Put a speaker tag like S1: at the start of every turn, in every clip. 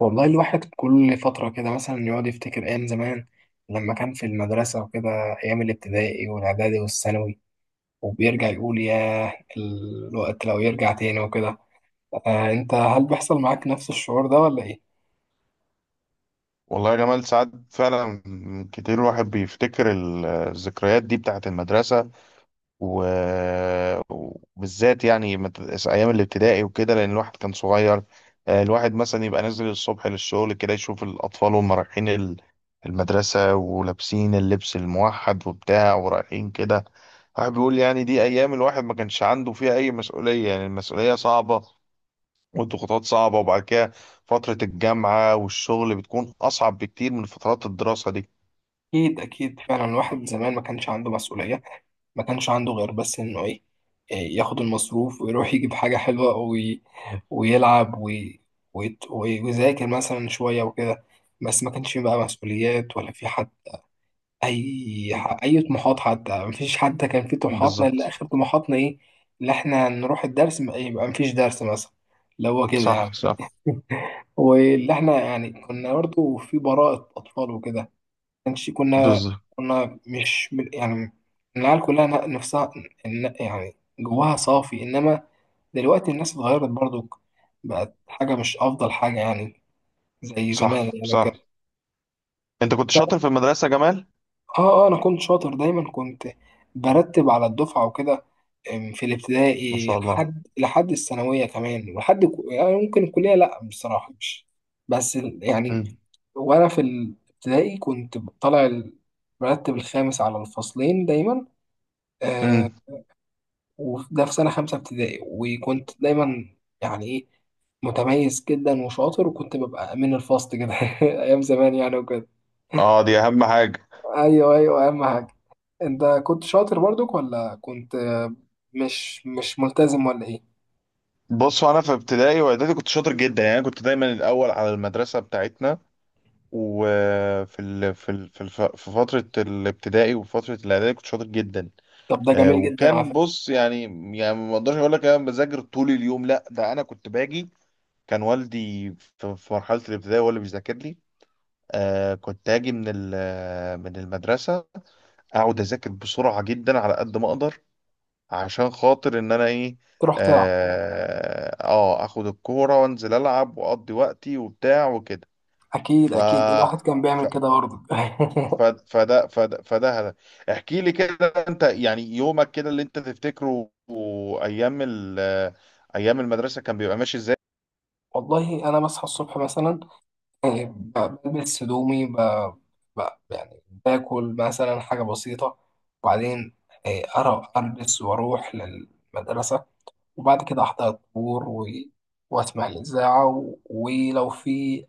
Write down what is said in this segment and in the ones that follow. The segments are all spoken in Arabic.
S1: والله الواحد كل فترة كده مثلا يقعد يفتكر أيام زمان لما كان في المدرسة وكده، أيام الابتدائي والإعدادي والثانوي. وبيرجع يقول ياه الوقت لو يرجع تاني وكده. آه، أنت هل بيحصل معاك نفس الشعور ده ولا إيه؟
S2: والله يا جمال ساعات فعلا كتير الواحد بيفتكر الذكريات دي بتاعت المدرسة. وبالذات أيام الابتدائي وكده لأن الواحد كان صغير. آه، الواحد مثلا يبقى نازل الصبح للشغل كده يشوف الأطفال وهم رايحين المدرسة ولابسين اللبس الموحد وبتاع ورايحين كده. الواحد بيقول يعني دي أيام الواحد ما كانش عنده فيها أي مسؤولية، يعني المسؤولية صعبة والضغوطات صعبة. وبعد كده فترة الجامعة والشغل بتكون أصعب بكتير من فترات الدراسة دي.
S1: أكيد أكيد، فعلا الواحد زمان ما كانش عنده مسؤولية. ما كانش عنده غير بس إنه إيه، إيه، ياخد المصروف ويروح يجيب حاجة حلوة ويلعب ويذاكر مثلا شوية وكده. بس ما كانش فيه بقى مسؤوليات ولا في حد، اي طموحات. حتى مفيش، حتى كان في طموحاتنا، اللي
S2: بالظبط.
S1: اخر طموحاتنا ايه؟ اللي احنا نروح يبقى مفيش درس مثلا، اللي هو كده
S2: صح
S1: يعني.
S2: صح.
S1: واللي احنا يعني كنا برضه في براءة اطفال وكده. كنا،
S2: بالظبط.
S1: كنا مش يعني، العيال كلها نفسها، يعني جواها صافي. انما دلوقتي الناس اتغيرت برضه، بقت حاجة مش افضل حاجة يعني زي زمان
S2: صح
S1: يعني
S2: صح.
S1: وكده.
S2: أنت كنت شاطر في المدرسة يا جمال؟
S1: اه، انا كنت شاطر دايما، كنت برتب على الدفعة وكده، في
S2: ما
S1: الابتدائي
S2: شاء الله.
S1: لحد الثانوية كمان، يعني ممكن الكلية، لأ بصراحة مش، بس يعني.
S2: امم.
S1: وأنا في الابتدائي كنت طالع المرتب الخامس على الفصلين دايما، آه،
S2: امم.
S1: وده في سنة خمسة ابتدائي. وكنت دايما يعني إيه، متميز جدا وشاطر، وكنت ببقى أمين الفصل كده أيام زمان يعني وكده.
S2: اه دي أهم حاجة.
S1: أيوه أيوه، أهم حاجة. أنت كنت شاطر برضك ولا كنت مش ملتزم ولا إيه؟
S2: بص أنا في ابتدائي وإعدادي كنت شاطر جدا، يعني أنا كنت دايما الأول على المدرسة بتاعتنا. وفي ال... في ال... في الف... في فترة الابتدائي وفترة الإعدادي كنت شاطر جدا.
S1: طب ده
S2: آه،
S1: جميل جدا على
S2: وكان
S1: فكرة.
S2: بص يعني، يعني ما اقدرش اقول لك انا بذاكر طول اليوم، لا ده انا كنت باجي. كان والدي في مرحله الابتدائي هو اللي بيذاكر لي. آه كنت اجي من ال- آه، من المدرسه، اقعد اذاكر بسرعه جدا على قد ما اقدر عشان خاطر ان انا ايه.
S1: تروح تلعب.
S2: اه آه، اخد الكوره وانزل العب واقضي وقتي وبتاع وكده.
S1: اكيد
S2: ف
S1: اكيد، الواحد كان بيعمل كده برضه.
S2: ف- فده فده فده هذا. احكي لي كده، انت يعني يومك كده اللي انت تفتكره ايام ال- ايام المدرسه كان بيبقى ماشي ازاي.
S1: والله انا بصحى الصبح مثلا، آه، بلبس هدومي، ب... يعني باكل مثلا حاجه بسيطه. وبعدين آه، أرى البس واروح للمدرسه، وبعد كده احضر الطابور و... واسمع الاذاعه، و... ولو في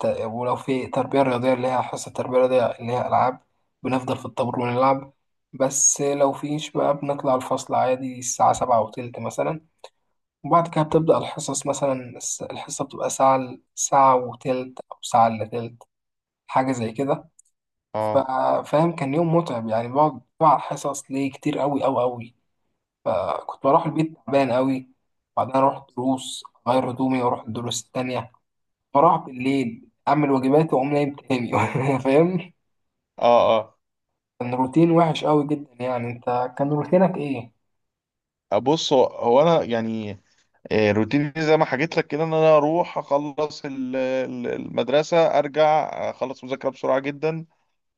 S1: ولو في تربية رياضية، اللي هي حصة تربية رياضية اللي هي ألعاب، بنفضل في الطابور ونلعب. بس لو فيش بقى بنطلع الفصل عادي الساعة سبعة وتلت مثلا، وبعد كده بتبدأ الحصص مثلا، الحصة بتبقى ساعة، ساعة وتلت أو ساعة إلا تلت، حاجة زي كده. ف-
S2: اه.
S1: فاهم، كان يوم متعب، يعني بقعد بقى على الحصص ليه كتير أوي أوي أوي. فكنت بروح البيت تعبان أوي، بعدين أروح دروس أغير هدومي وأروح الدروس التانية، بروح بالليل أعمل واجباتي وأقوم نايم تاني. فاهم،
S2: اه.
S1: كان روتين وحش أوي جدا يعني. أنت كان روتينك إيه؟
S2: اه بص هو انا يعني آه، روتيني زي ما حكيت لك كده ان انا اروح اخلص المدرسه، ارجع اخلص مذاكره بسرعه جدا.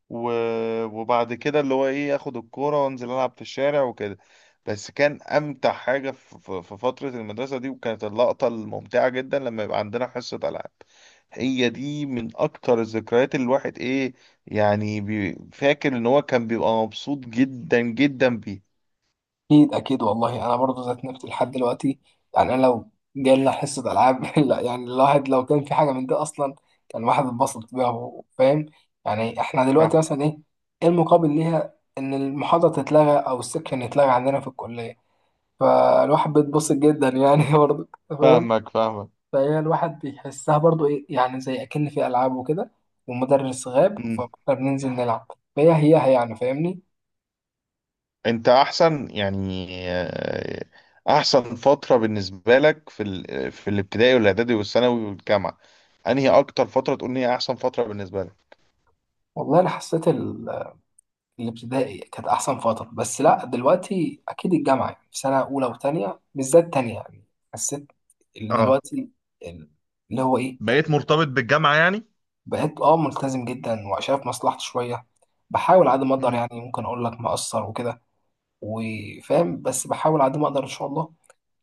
S2: و... وبعد كده اللي هو ايه اخد الكورة وانزل العب في الشارع وكده. بس كان امتع حاجة في فترة المدرسة دي، وكانت اللقطة الممتعة جدا لما يبقى عندنا حصة العاب. هي دي من اكتر الذكريات اللي الواحد ايه، يعني فاكر ان هو كان بيبقى مبسوط جدا جدا بيه.
S1: اكيد اكيد، والله انا برضه ذات نفسي لحد دلوقتي يعني، انا لو جالنا حصه العاب لا يعني الواحد لو كان في حاجه من دي اصلا، كان الواحد اتبسط بيها فاهم. يعني احنا دلوقتي مثلا ايه، إيه المقابل ليها؟ ان المحاضره تتلغى او السكشن يتلغى عندنا في الكليه، فالواحد بيتبسط جدا يعني برضه فاهم.
S2: فاهمك فاهمك.
S1: فهي الواحد بيحسها برضه ايه يعني، زي اكن في العاب وكده والمدرس غاب، فبننزل نلعب، فهي هي هي يعني، فاهمني.
S2: انت احسن يعني آه، احسن فترة بالنسبة لك في ال... في الابتدائي والاعدادي والثانوي والجامعة، انهي اكتر فترة تقول ان هي احسن فترة بالنسبة لك؟
S1: والله انا حسيت الابتدائي كانت احسن فتره. بس لا، دلوقتي اكيد الجامعه يعني، في سنه اولى وثانيه بالذات، تانية يعني. حسيت اللي
S2: اه.
S1: دلوقتي، اللي هو ايه،
S2: بقيت مرتبط بالجامعة يعني.
S1: بقيت اه ملتزم جدا وشايف مصلحتي شويه. بحاول على قد ما اقدر
S2: مم.
S1: يعني، ممكن اقول لك مقصر وكده وفاهم، بس بحاول على قد ما اقدر ان شاء الله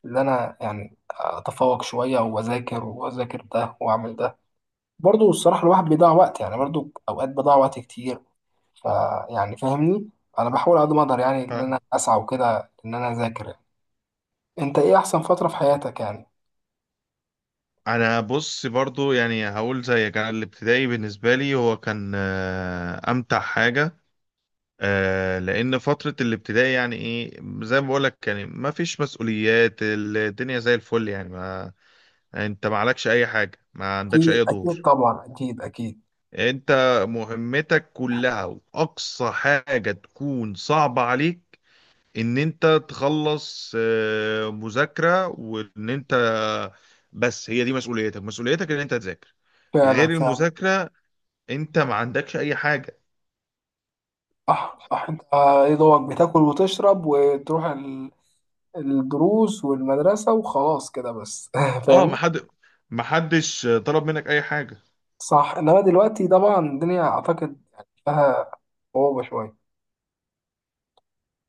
S1: ان انا يعني اتفوق شويه واذاكر، واذاكر ده واعمل ده. برضو الصراحه الواحد بيضيع وقت يعني، برضو اوقات بضيع وقت كتير. فيعني فاهمني، انا بحاول على قد ما اقدر يعني، ان
S2: اه
S1: انا اسعى وكده، ان انا اذاكر يعني. انت ايه احسن فتره في حياتك يعني؟
S2: انا بص برضو يعني هقول زي كان الابتدائي بالنسبه لي هو كان آه، امتع حاجه. آه، لان فتره الابتدائي يعني ايه زي ما بقول لك يعني ما فيش مسؤوليات، الدنيا زي الفل، يعني ما انت ما عليكش اي حاجه، ما عندكش
S1: اكيد
S2: اي
S1: اكيد
S2: دور.
S1: طبعا، اكيد اكيد.
S2: انت مهمتك كلها واقصى حاجة تكون صعبة عليك ان انت تخلص آه، مذاكرة وان انت، بس هي دي مسؤوليتك، مسؤوليتك ان انت تذاكر.
S1: فعلا
S2: غير
S1: فعلا.
S2: المذاكرة انت ما عندكش اي حاجة.
S1: صح صح. انت ايه، دوبك بتاكل وتشرب وتروح الدروس والمدرسه، وخلاص كده بس.
S2: اه ما
S1: فاهمني.
S2: حد، ما حدش طلب منك اي حاجة.
S1: صح، انما دلوقتي طبعا الدنيا اعتقد يعني فيها صعوبه شويه.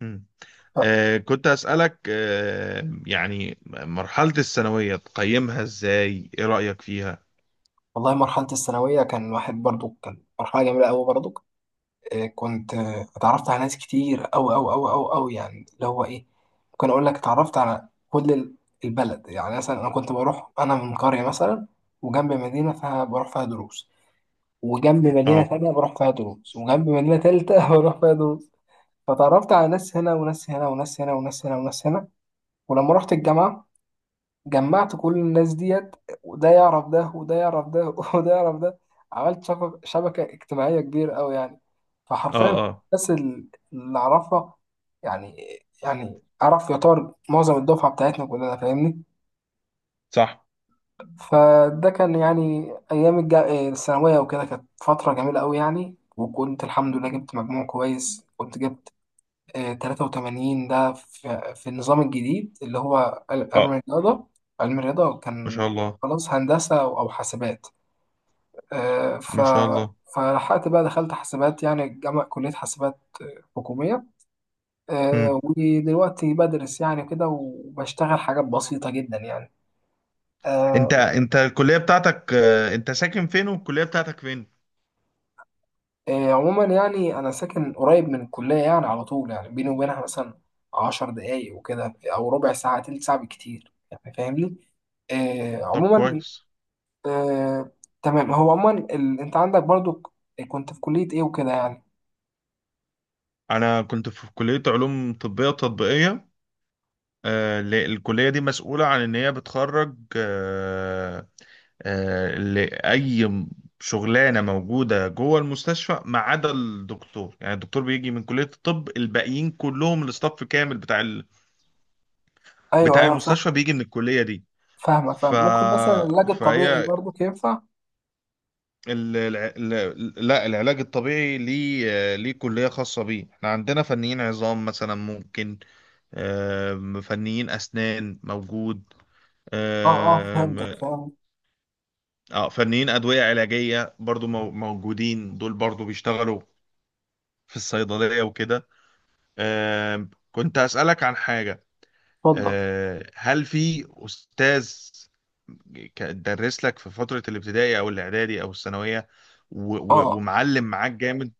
S2: مم.
S1: ف-
S2: آه كنت اسألك آه يعني مرحلة الثانوية تقيمها ازاي، ايه رأيك فيها؟
S1: والله مرحله الثانويه كان واحد برضو، كان مرحله جميله قوي برضو. آه، كنت آه، اتعرفت على ناس كتير أوي أوي أوي أوي أوي يعني، اللي هو إيه، ممكن أقول لك اتعرفت على كل البلد يعني. مثلا أنا كنت بروح، أنا من قرية مثلا، وجنب مدينة فيها بروح فيها دروس، وجنب مدينة
S2: اه.
S1: تانية بروح فيها دروس، وجنب مدينة تالتة بروح فيها دروس. فتعرفت على ناس هنا وناس هنا وناس هنا وناس هنا وناس هنا. ولما رحت الجامعة جمعت كل الناس ديت، وده يعرف ده وده يعرف ده وده يعرف ده. عملت شبكة اجتماعية كبيرة أوي يعني،
S2: اه.
S1: فحرفيا
S2: اه.
S1: الناس اللي أعرفها يعني، يعني أعرف يعتبر معظم الدفعة بتاعتنا كلنا، فاهمني.
S2: صح.
S1: فده كان يعني أيام الثانوية وكده، كانت فترة جميلة أوي يعني. وكنت الحمد لله جبت مجموع كويس، كنت جبت آه، 83. ده في النظام الجديد اللي هو علم
S2: اه.
S1: الرياضة. علم الرياضة
S2: ما شاء
S1: كان
S2: الله.
S1: خلاص هندسة أو حاسبات. آه، ف
S2: ما شاء الله.
S1: فلحقت بقى دخلت حاسبات يعني، جامعة كلية حاسبات آه، حكومية. آه،
S2: مم.
S1: ودلوقتي بدرس يعني كده وبشتغل حاجات بسيطة جدا يعني.
S2: انت
S1: آه،
S2: انت الكلية بتاعتك آه، انت ساكن فين والكلية بتاعتك فين؟
S1: آه، عموما يعني أنا ساكن قريب من الكلية يعني، على طول يعني بيني وبينها مثلا عشر دقايق وكده، أو ربع ساعة، تلت ساعة بالكتير يعني، فاهمني؟ آه،
S2: طب
S1: عموما
S2: كويس.
S1: آه، تمام. هو عموما ال... انت عندك برضو كنت في كلية ايه وكده يعني؟
S2: انا كنت في كلية علوم طبية تطبيقية. آه، الكلية دي مسؤولة عن ان هي بتخرج آه، آه، شغلانة موجودة جوه المستشفى ما عدا الدكتور، يعني الدكتور بيجي من كلية الطب، الباقيين كلهم الاستاف كامل
S1: ايوه
S2: بتاع
S1: ايوه فاهم.
S2: المستشفى بيجي من الكلية دي.
S1: فاهمة،
S2: ف...
S1: فاهم، ممكن مثلا العلاج الطبيعي
S2: فهي
S1: برضو ينفع.
S2: لا، العلاج الطبيعي ليه ليه كلية خاصة بيه، احنا عندنا فنيين عظام مثلا ممكن، آم، فنيين أسنان موجود.
S1: اه اه
S2: آم،
S1: فهمتك، فاهم.
S2: اه فنيين أدوية علاجية برضو موجودين، دول برضو بيشتغلوا في الصيدلية وكده. آم، كنت أسألك عن حاجة.
S1: اتفضل.
S2: آه، هل في أستاذ درس لك في فترة الابتدائي أو الإعدادي أو الثانوية و... و...
S1: اه
S2: ومعلم معاك جامد؟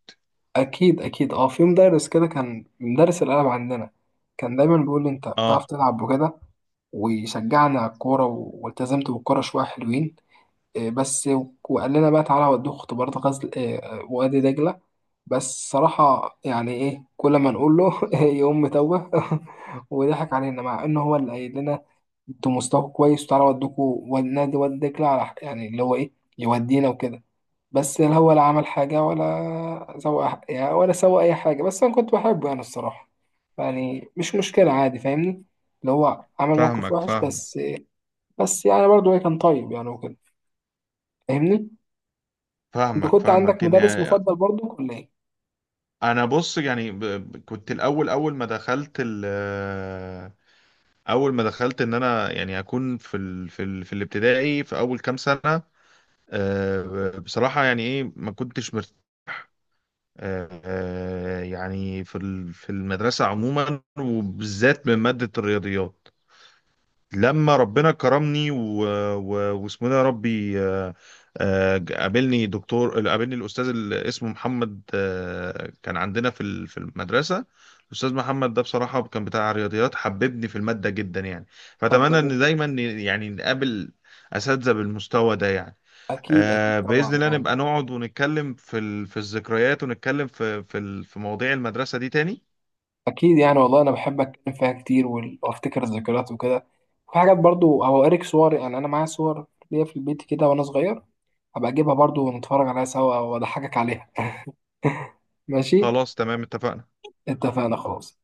S1: اكيد اكيد، اه في مدرس كده كان مدرس الالعاب عندنا، كان دايما بيقول لي انت بتعرف
S2: اه.
S1: تلعب وكده، ويشجعني على الكورة والتزمت بالكورة شوية حلوين آه، بس. وقال لنا بقى تعالى اوديك اختبارات غزل آه، آه، وادي دجلة. بس صراحة يعني إيه، كل ما نقول له يقوم متوه. وضحك علينا، مع إن هو اللي قايل لنا أنتوا مستواكم كويس، وتعالى أودوكوا والنادي ودي دجلة على يعني اللي هو إيه، يودينا وكده. بس لا، هو لا عمل حاجة ولا سوى يعني ولا سوى أي حاجة. بس أنا كنت بحبه يعني، الصراحة يعني مش مشكلة، عادي فاهمني. اللي هو عمل موقف
S2: فاهمك
S1: وحش،
S2: فاهم.
S1: بس بس يعني برضه إيه، كان طيب يعني وكده، فاهمني. أنت
S2: فاهمك
S1: كنت عندك
S2: فاهمك
S1: مدرس
S2: يعني.
S1: مفضل برضه ولا إيه؟
S2: انا بص يعني كنت الاول اول ما دخلت ال... اول ما دخلت ان انا يعني اكون في ال... في ال... في الابتدائي في اول كام سنة آه، بصراحة يعني ايه ما كنتش مرت... آه، آه، يعني في ال... في المدرسة عموما وبالذات من مادة الرياضيات. لما ربنا كرمني و... و... واسمه ده يا ربي آه، آه، قابلني الاستاذ اللي اسمه محمد، آه، كان عندنا في في المدرسه. الاستاذ محمد ده بصراحه كان بتاع رياضيات حببني في الماده جدا يعني.
S1: طب
S2: فاتمنى
S1: جميل.
S2: ان دايما يعني نقابل اساتذه بالمستوى ده يعني.
S1: أكيد أكيد
S2: آه،
S1: طبعا
S2: باذن الله
S1: يعني.
S2: نبقى نقعد ونتكلم في ال... في الذكريات ونتكلم في ال... في مواضيع المدرسه دي تاني.
S1: اكيد يعني، والله انا بحب اتكلم فيها كتير، وافتكر الذكريات وكده. في حاجات برضو او اوريك صور يعني، انا معايا صور ليا في البيت كده وانا صغير، هبقى اجيبها برضو ونتفرج عليها سوا، واضحكك عليها. ماشي.
S2: خلاص تمام اتفقنا.
S1: اتفقنا خلاص.